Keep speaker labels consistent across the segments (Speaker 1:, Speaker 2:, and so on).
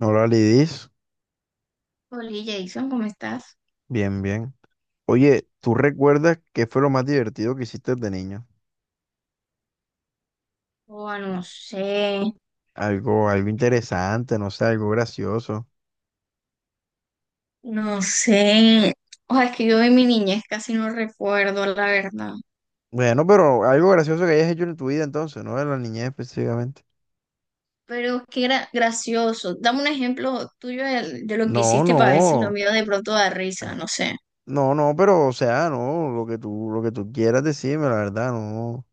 Speaker 1: Hola Lidis,
Speaker 2: Oli Jason, ¿cómo estás?
Speaker 1: bien, bien. Oye, ¿tú recuerdas qué fue lo más divertido que hiciste de niño?
Speaker 2: Oh, no sé,
Speaker 1: Algo, algo interesante, no sé, algo gracioso.
Speaker 2: no sé. O sea, es que yo de mi niñez casi no recuerdo, la verdad.
Speaker 1: Bueno, pero algo gracioso que hayas hecho en tu vida entonces, no de la niñez específicamente.
Speaker 2: Pero que era gracioso. Dame un ejemplo tuyo de lo que
Speaker 1: No,
Speaker 2: hiciste para ver si lo
Speaker 1: no,
Speaker 2: mío de pronto da risa, no sé.
Speaker 1: no, no, pero o sea, no, lo que tú quieras decirme, la verdad, no,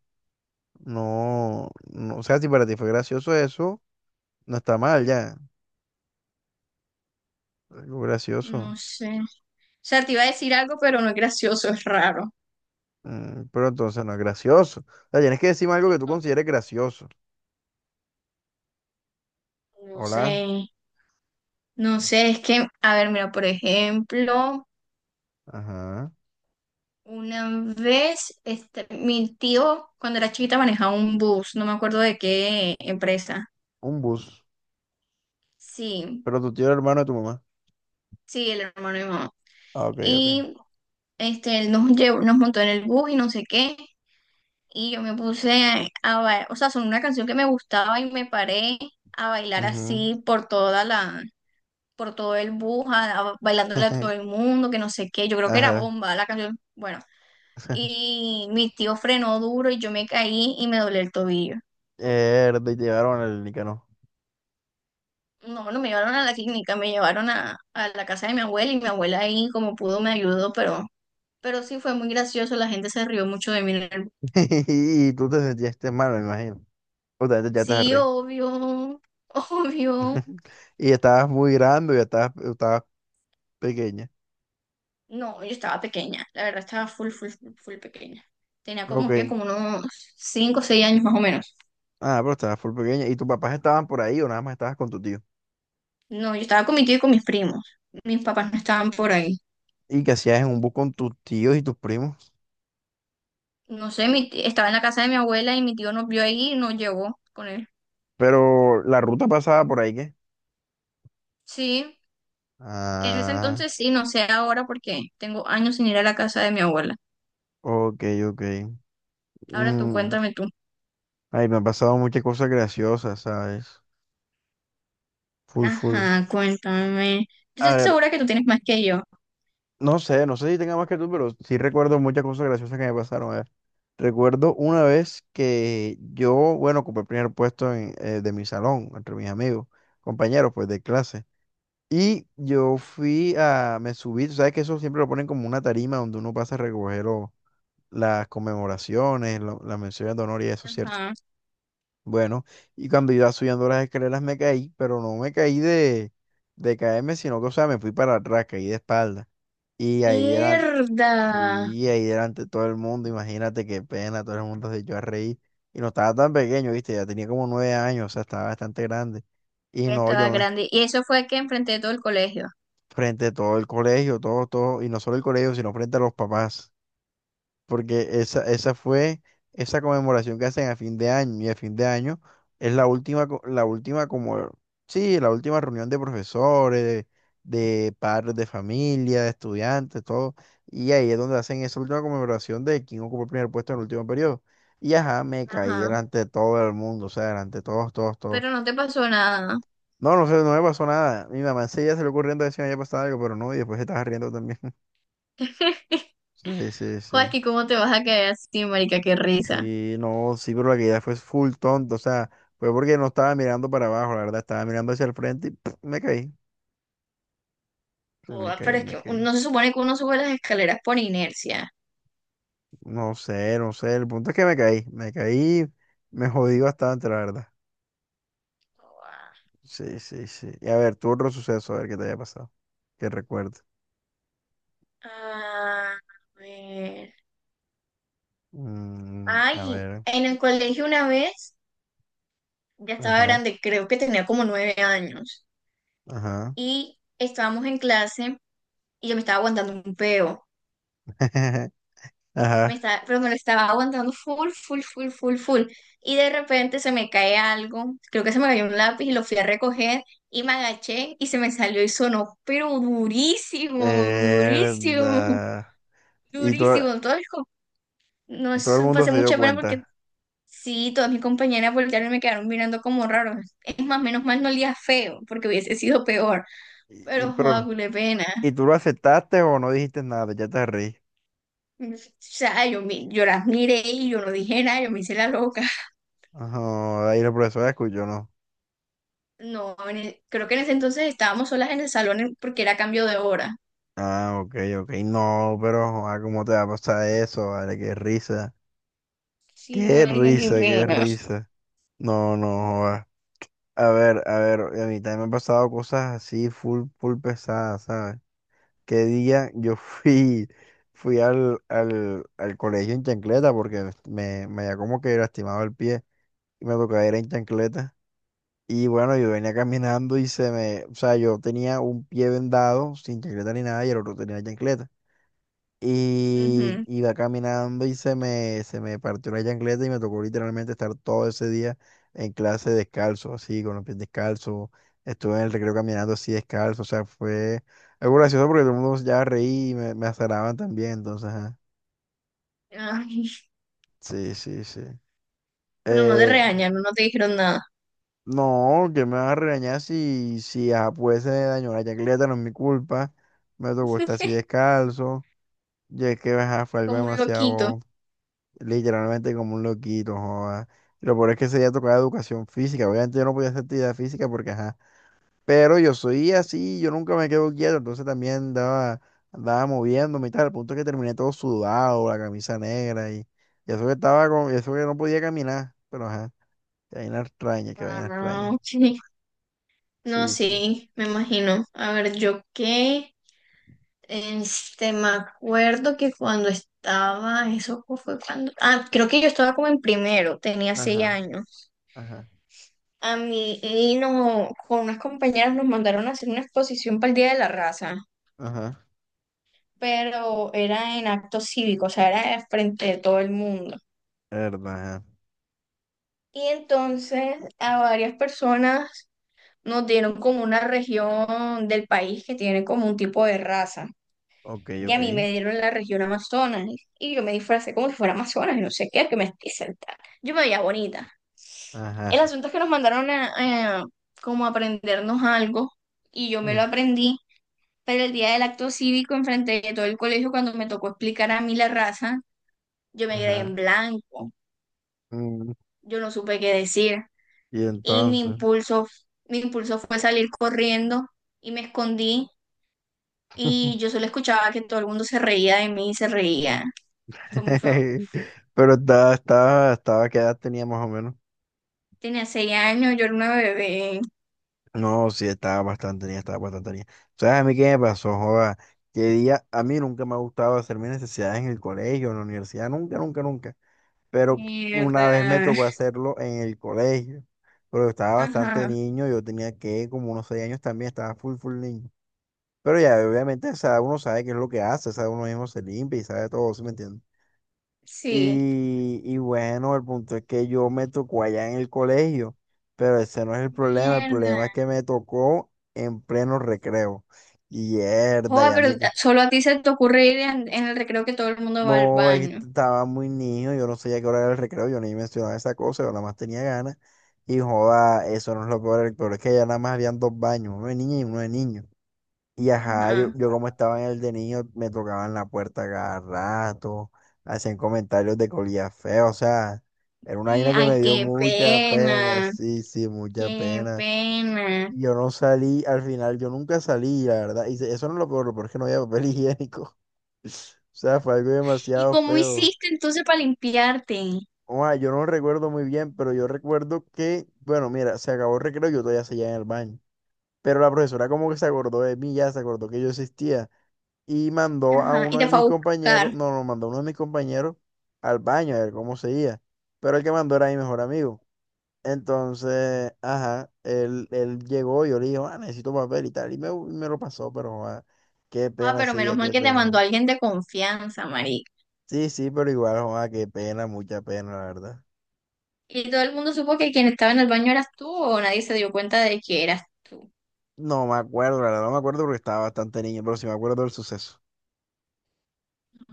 Speaker 1: no, no, o sea, si para ti fue gracioso eso, no está mal ya, algo
Speaker 2: No
Speaker 1: gracioso.
Speaker 2: sé. O sea, te iba a decir algo, pero no es gracioso, es raro.
Speaker 1: Mm, pero entonces no es gracioso. O sea, tienes que decirme algo que tú consideres gracioso.
Speaker 2: No sé,
Speaker 1: Hola.
Speaker 2: no sé, es que, a ver, mira, por ejemplo.
Speaker 1: Ajá.
Speaker 2: Una vez, este, mi tío, cuando era chiquita, manejaba un bus, no me acuerdo de qué empresa.
Speaker 1: Un bus.
Speaker 2: Sí,
Speaker 1: Pero tu tío era hermano de tu mamá.
Speaker 2: sí, el hermano de mi mamá.
Speaker 1: Ah, ok, ok.
Speaker 2: Y este, él nos llevó, nos montó en el bus y no sé qué. Y yo me puse a bailar, o sea, son una canción que me gustaba y me paré a bailar
Speaker 1: Ujú.
Speaker 2: así por toda la, por todo el bus, bailándole a todo el mundo, que no sé qué. Yo creo que era
Speaker 1: Ajá.
Speaker 2: bomba la canción. Bueno, y mi tío frenó duro y yo me caí y me doblé el tobillo.
Speaker 1: Mierda, y te llevaron al Nicanor.
Speaker 2: No, no me llevaron a la clínica, me llevaron a la casa de mi abuela y mi abuela ahí como pudo me ayudó, pero sí fue muy gracioso, la gente se rió mucho de mí.
Speaker 1: Y tú te sentiste mal, me imagino. O sea, ya estás
Speaker 2: Sí,
Speaker 1: re.
Speaker 2: obvio, obvio.
Speaker 1: Y estabas muy grande, ya estabas, estabas pequeña.
Speaker 2: No, yo estaba pequeña, la verdad estaba full, full, full, full pequeña. Tenía
Speaker 1: Ok.
Speaker 2: como que como unos 5, o 6 años más o menos.
Speaker 1: Ah, pero estabas full pequeña. ¿Y tus papás estaban por ahí o nada más estabas con tu tío?
Speaker 2: No, yo estaba con mi tío y con mis primos. Mis papás no estaban por ahí.
Speaker 1: ¿Y qué hacías en un bus con tus tíos y tus primos?
Speaker 2: No sé, estaba en la casa de mi abuela y mi tío nos vio ahí y nos llevó con él.
Speaker 1: Pero la ruta pasaba por ahí, ¿qué?
Speaker 2: Sí. En ese
Speaker 1: Ah,
Speaker 2: entonces sí, no sé ahora porque tengo años sin ir a la casa de mi abuela.
Speaker 1: ok, ok.
Speaker 2: Ahora tú
Speaker 1: Mm,
Speaker 2: cuéntame tú.
Speaker 1: ay, me han pasado muchas cosas graciosas, ¿sabes? Full, full.
Speaker 2: Ajá, cuéntame. Yo
Speaker 1: A
Speaker 2: estoy
Speaker 1: ver,
Speaker 2: segura que tú tienes más que yo.
Speaker 1: no sé, no sé si tenga más que tú, pero sí recuerdo muchas cosas graciosas que me pasaron. A ver, recuerdo una vez que yo, bueno, ocupé el primer puesto en, de mi salón, entre mis amigos, compañeros, pues, de clase. Y yo fui a, me subí, tú sabes que eso siempre lo ponen como una tarima donde uno pasa a recoger las conmemoraciones, las menciones de honor y eso, ¿cierto?
Speaker 2: Ajá.
Speaker 1: Bueno, y cuando iba subiendo las escaleras me caí, pero no me caí de caerme, sino que, o sea, me fui para atrás, caí de espalda. Y ahí delante,
Speaker 2: Mierda.
Speaker 1: sí, ahí delante todo el mundo, imagínate qué pena, todo el mundo se echó a reír. Y no estaba tan pequeño, viste, ya tenía como 9 años, o sea, estaba bastante grande. Y
Speaker 2: Ya
Speaker 1: no, yo
Speaker 2: estaba
Speaker 1: me,
Speaker 2: grande. Y eso fue que enfrenté todo el colegio.
Speaker 1: frente a todo el colegio, todo, todo, y no solo el colegio, sino frente a los papás. Porque esa fue esa conmemoración que hacen a fin de año, y a fin de año es la última, la última como, sí, la última reunión de profesores, de padres de familia, de estudiantes, todo, y ahí es donde hacen esa última conmemoración de quién ocupó el primer puesto en el último periodo. Y ajá, me caí
Speaker 2: Ajá.
Speaker 1: delante de todo el mundo, o sea, delante de todos, todos, todos.
Speaker 2: Pero no te pasó nada.
Speaker 1: No, no sé, no me pasó nada. Mi mamá enseguida se le ocurriendo decir que me había pasado algo, pero no, y después se estaba riendo también. Sí, sí, sí.
Speaker 2: Joaquín, ¿cómo te vas a caer así, marica? Qué risa.
Speaker 1: Sí, no, sí, pero la caída fue full tonto, o sea, fue porque no estaba mirando para abajo, la verdad, estaba mirando hacia el frente y me caí. Sí, me
Speaker 2: Joda, pero
Speaker 1: caí,
Speaker 2: es
Speaker 1: me
Speaker 2: que
Speaker 1: caí.
Speaker 2: no se supone que uno sube las escaleras por inercia.
Speaker 1: No sé, no sé, el punto es que me caí, me caí, me jodí bastante, la verdad.
Speaker 2: Joda.
Speaker 1: Sí, sí, sí. Y a ver, tu otro suceso, a ver qué te haya pasado, que recuerdo.
Speaker 2: A ver.
Speaker 1: Mm, a
Speaker 2: Ay,
Speaker 1: ver,
Speaker 2: en el colegio una vez. Ya estaba
Speaker 1: ajá,
Speaker 2: grande, creo que tenía como 9 años.
Speaker 1: ajá,
Speaker 2: Y estábamos en clase y yo me estaba aguantando un peo.
Speaker 1: ajá,
Speaker 2: Me estaba, pero me lo estaba aguantando full, full, full, full, full. Y de repente se me cae algo. Creo que se me cayó un lápiz y lo fui a recoger y me agaché y se me salió y sonó, pero durísimo, durísimo,
Speaker 1: verdad. Y todo,
Speaker 2: durísimo. Entonces, no,
Speaker 1: y todo el
Speaker 2: eso
Speaker 1: mundo
Speaker 2: pasé
Speaker 1: se dio
Speaker 2: mucha pena porque
Speaker 1: cuenta.
Speaker 2: sí, todas mis compañeras voltearon y me quedaron mirando como raro. Es más, menos mal no olía feo porque hubiese sido peor.
Speaker 1: Y
Speaker 2: Pero joda,
Speaker 1: pero,
Speaker 2: cule pena.
Speaker 1: ¿y tú lo aceptaste o no dijiste nada? Ya te reí.
Speaker 2: O sea, yo, yo las miré y yo no dije nada, yo me hice la loca.
Speaker 1: Ajá, ahí la profesora escuchó, ¿no?
Speaker 2: No, creo que en ese entonces estábamos solas en el salón porque era cambio de hora.
Speaker 1: Ah, ok, ok. No, pero, joder, ¿cómo te va a pasar eso? Vale, qué risa.
Speaker 2: Sí,
Speaker 1: Qué
Speaker 2: marica, qué
Speaker 1: risa, qué
Speaker 2: pena.
Speaker 1: risa. No, no, joder. A ver, a ver, a mí también me han pasado cosas así, full, full pesadas, ¿sabes? Qué día yo fui, fui al colegio en chancleta porque me había como que lastimado el pie y me tocaba ir en chancleta. Y bueno, yo venía caminando y se me, o sea, yo tenía un pie vendado, sin chancleta ni nada, y el otro tenía chancleta. Y
Speaker 2: Ujú.
Speaker 1: iba caminando y se me partió la chancleta y me tocó literalmente estar todo ese día en clase descalzo, así, con los pies descalzos. Estuve en el recreo caminando así descalzo, o sea, fue algo gracioso porque todo el mundo ya reí y me azaraban también, entonces, ajá.
Speaker 2: Ay,
Speaker 1: Sí, sí, sí.
Speaker 2: pero no te
Speaker 1: Eh,
Speaker 2: regañaron, no te dijeron nada.
Speaker 1: no, que me vas a regañar si, si ah, pues se me dañó la chancleta, no es mi culpa. Me tocó estar así descalzo. Y es que ajá, fue algo
Speaker 2: Como un loquito.
Speaker 1: demasiado, literalmente como un loquito, joda. Y lo peor es que ese día tocaba educación física. Obviamente yo no podía hacer actividad física porque, ajá. Pero yo soy así, yo nunca me quedo quieto. Entonces también andaba, andaba moviéndome y tal. Al punto que terminé todo sudado, la camisa negra y eso que estaba con, y eso que no podía caminar. Pero ajá, qué vaina extraña, qué vaina
Speaker 2: Ah,
Speaker 1: extraña.
Speaker 2: ok. No,
Speaker 1: Sí, sí.
Speaker 2: sí, me imagino. A ver, yo qué. Este, me acuerdo que cuando estaba, eso fue cuando. Ah, creo que yo estaba como en primero, tenía seis
Speaker 1: Ajá,
Speaker 2: años.
Speaker 1: ajá,
Speaker 2: A mí y no, con unas compañeras nos mandaron a hacer una exposición para el Día de la Raza,
Speaker 1: ajá.
Speaker 2: pero era en acto cívico, o sea, era frente de todo el mundo.
Speaker 1: Verdad, ajá.
Speaker 2: Y entonces a varias personas nos dieron como una región del país que tiene como un tipo de raza.
Speaker 1: Ok,
Speaker 2: Y a
Speaker 1: ok.
Speaker 2: mí me dieron la región Amazonas y yo me disfracé como si fuera Amazonas y no sé qué, que me estoy sentada. Yo me veía bonita. El
Speaker 1: Ajá,
Speaker 2: asunto es que nos mandaron a como aprendernos algo y yo me
Speaker 1: mm,
Speaker 2: lo aprendí. Pero el día del acto cívico, enfrente de todo el colegio, cuando me tocó explicar a mí la raza, yo me quedé en
Speaker 1: ajá.
Speaker 2: blanco,
Speaker 1: Mm.
Speaker 2: yo no supe qué decir.
Speaker 1: Y
Speaker 2: Y
Speaker 1: entonces.
Speaker 2: mi impulso fue salir corriendo y me escondí y yo solo escuchaba que todo el mundo se reía de mí y se reía. Fue muy feo.
Speaker 1: Pero estaba, estaba, estaba, ¿qué edad tenía más o menos?
Speaker 2: Tenía seis años, yo era una bebé.
Speaker 1: No, sí, estaba bastante niña, estaba bastante niña. ¿Sabes a mí qué me pasó, joda? Que día, a mí nunca me ha gustado hacer mis necesidades en el colegio, en la universidad, nunca, nunca, nunca. Pero una vez me
Speaker 2: Mierda.
Speaker 1: tocó hacerlo en el colegio. Pero estaba bastante
Speaker 2: Ajá,
Speaker 1: niño, yo tenía que, como unos 6 años también, estaba full, full niño. Pero ya, obviamente, o sea, uno sabe qué es lo que hace, o sea, uno mismo se limpia y sabe todo, ¿sí me entiendes?
Speaker 2: sí.
Speaker 1: Y bueno, el punto es que yo me tocó allá en el colegio, pero ese no es el
Speaker 2: Mierda.
Speaker 1: problema es que me tocó en pleno recreo. Y herda,
Speaker 2: Joder,
Speaker 1: ya
Speaker 2: pero
Speaker 1: me...
Speaker 2: solo a ti se te ocurre ir en el recreo que todo el mundo va al
Speaker 1: No, es
Speaker 2: baño.
Speaker 1: que estaba muy niño, yo no sabía qué hora era el recreo, yo ni mencionaba esa cosa, yo nada más tenía ganas. Y joda, eso no es lo peor, el peor es que allá nada más habían dos baños, uno de niña y uno de niño. Y ajá, yo,
Speaker 2: Ajá.
Speaker 1: yo como estaba en el de niño, me tocaban la puerta cada rato, hacían comentarios de colía feo, o sea, era una vaina que me
Speaker 2: Ay,
Speaker 1: dio
Speaker 2: qué
Speaker 1: mucha pena,
Speaker 2: pena,
Speaker 1: sí, sí, mucha
Speaker 2: qué
Speaker 1: pena.
Speaker 2: pena.
Speaker 1: Y yo no salí, al final yo nunca salí, la verdad, y eso no es lo peor es que no había papel higiénico, o sea, fue algo
Speaker 2: ¿Y
Speaker 1: demasiado
Speaker 2: cómo
Speaker 1: feo.
Speaker 2: hiciste entonces para limpiarte?
Speaker 1: O sea, yo no recuerdo muy bien, pero yo recuerdo que, bueno, mira, se acabó el recreo, yo todavía seguía en el baño, pero la profesora como que se acordó de mí, ya se acordó que yo existía. Y mandó a
Speaker 2: Ajá, y
Speaker 1: uno
Speaker 2: te
Speaker 1: de
Speaker 2: fue a
Speaker 1: mis
Speaker 2: buscar.
Speaker 1: compañeros, no, no, mandó a uno de mis compañeros al baño a ver cómo seguía, pero el que mandó era mi mejor amigo. Entonces, ajá, él llegó y yo le dije, ah, necesito papel y tal, y me lo pasó, pero joda, qué
Speaker 2: Ah,
Speaker 1: pena
Speaker 2: pero
Speaker 1: ese
Speaker 2: menos
Speaker 1: día,
Speaker 2: mal
Speaker 1: qué
Speaker 2: que te
Speaker 1: pena.
Speaker 2: mandó alguien de confianza, marica.
Speaker 1: Sí, sí, pero igual, joda, qué pena, mucha pena, la verdad.
Speaker 2: ¿Y todo el mundo supo que quien estaba en el baño eras tú o nadie se dio cuenta de que eras tú?
Speaker 1: No me acuerdo, la verdad, no me acuerdo porque estaba bastante niño, pero sí me acuerdo del suceso.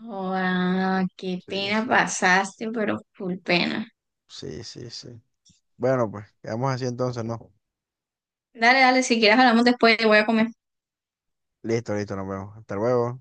Speaker 2: Ah, qué
Speaker 1: Sí,
Speaker 2: pena
Speaker 1: sí,
Speaker 2: pasaste, pero full pena.
Speaker 1: sí, sí, sí. Bueno, pues, quedamos así entonces, ¿no?
Speaker 2: Dale, dale, si quieres hablamos después, voy a comer.
Speaker 1: Listo, listo, nos vemos. Hasta luego.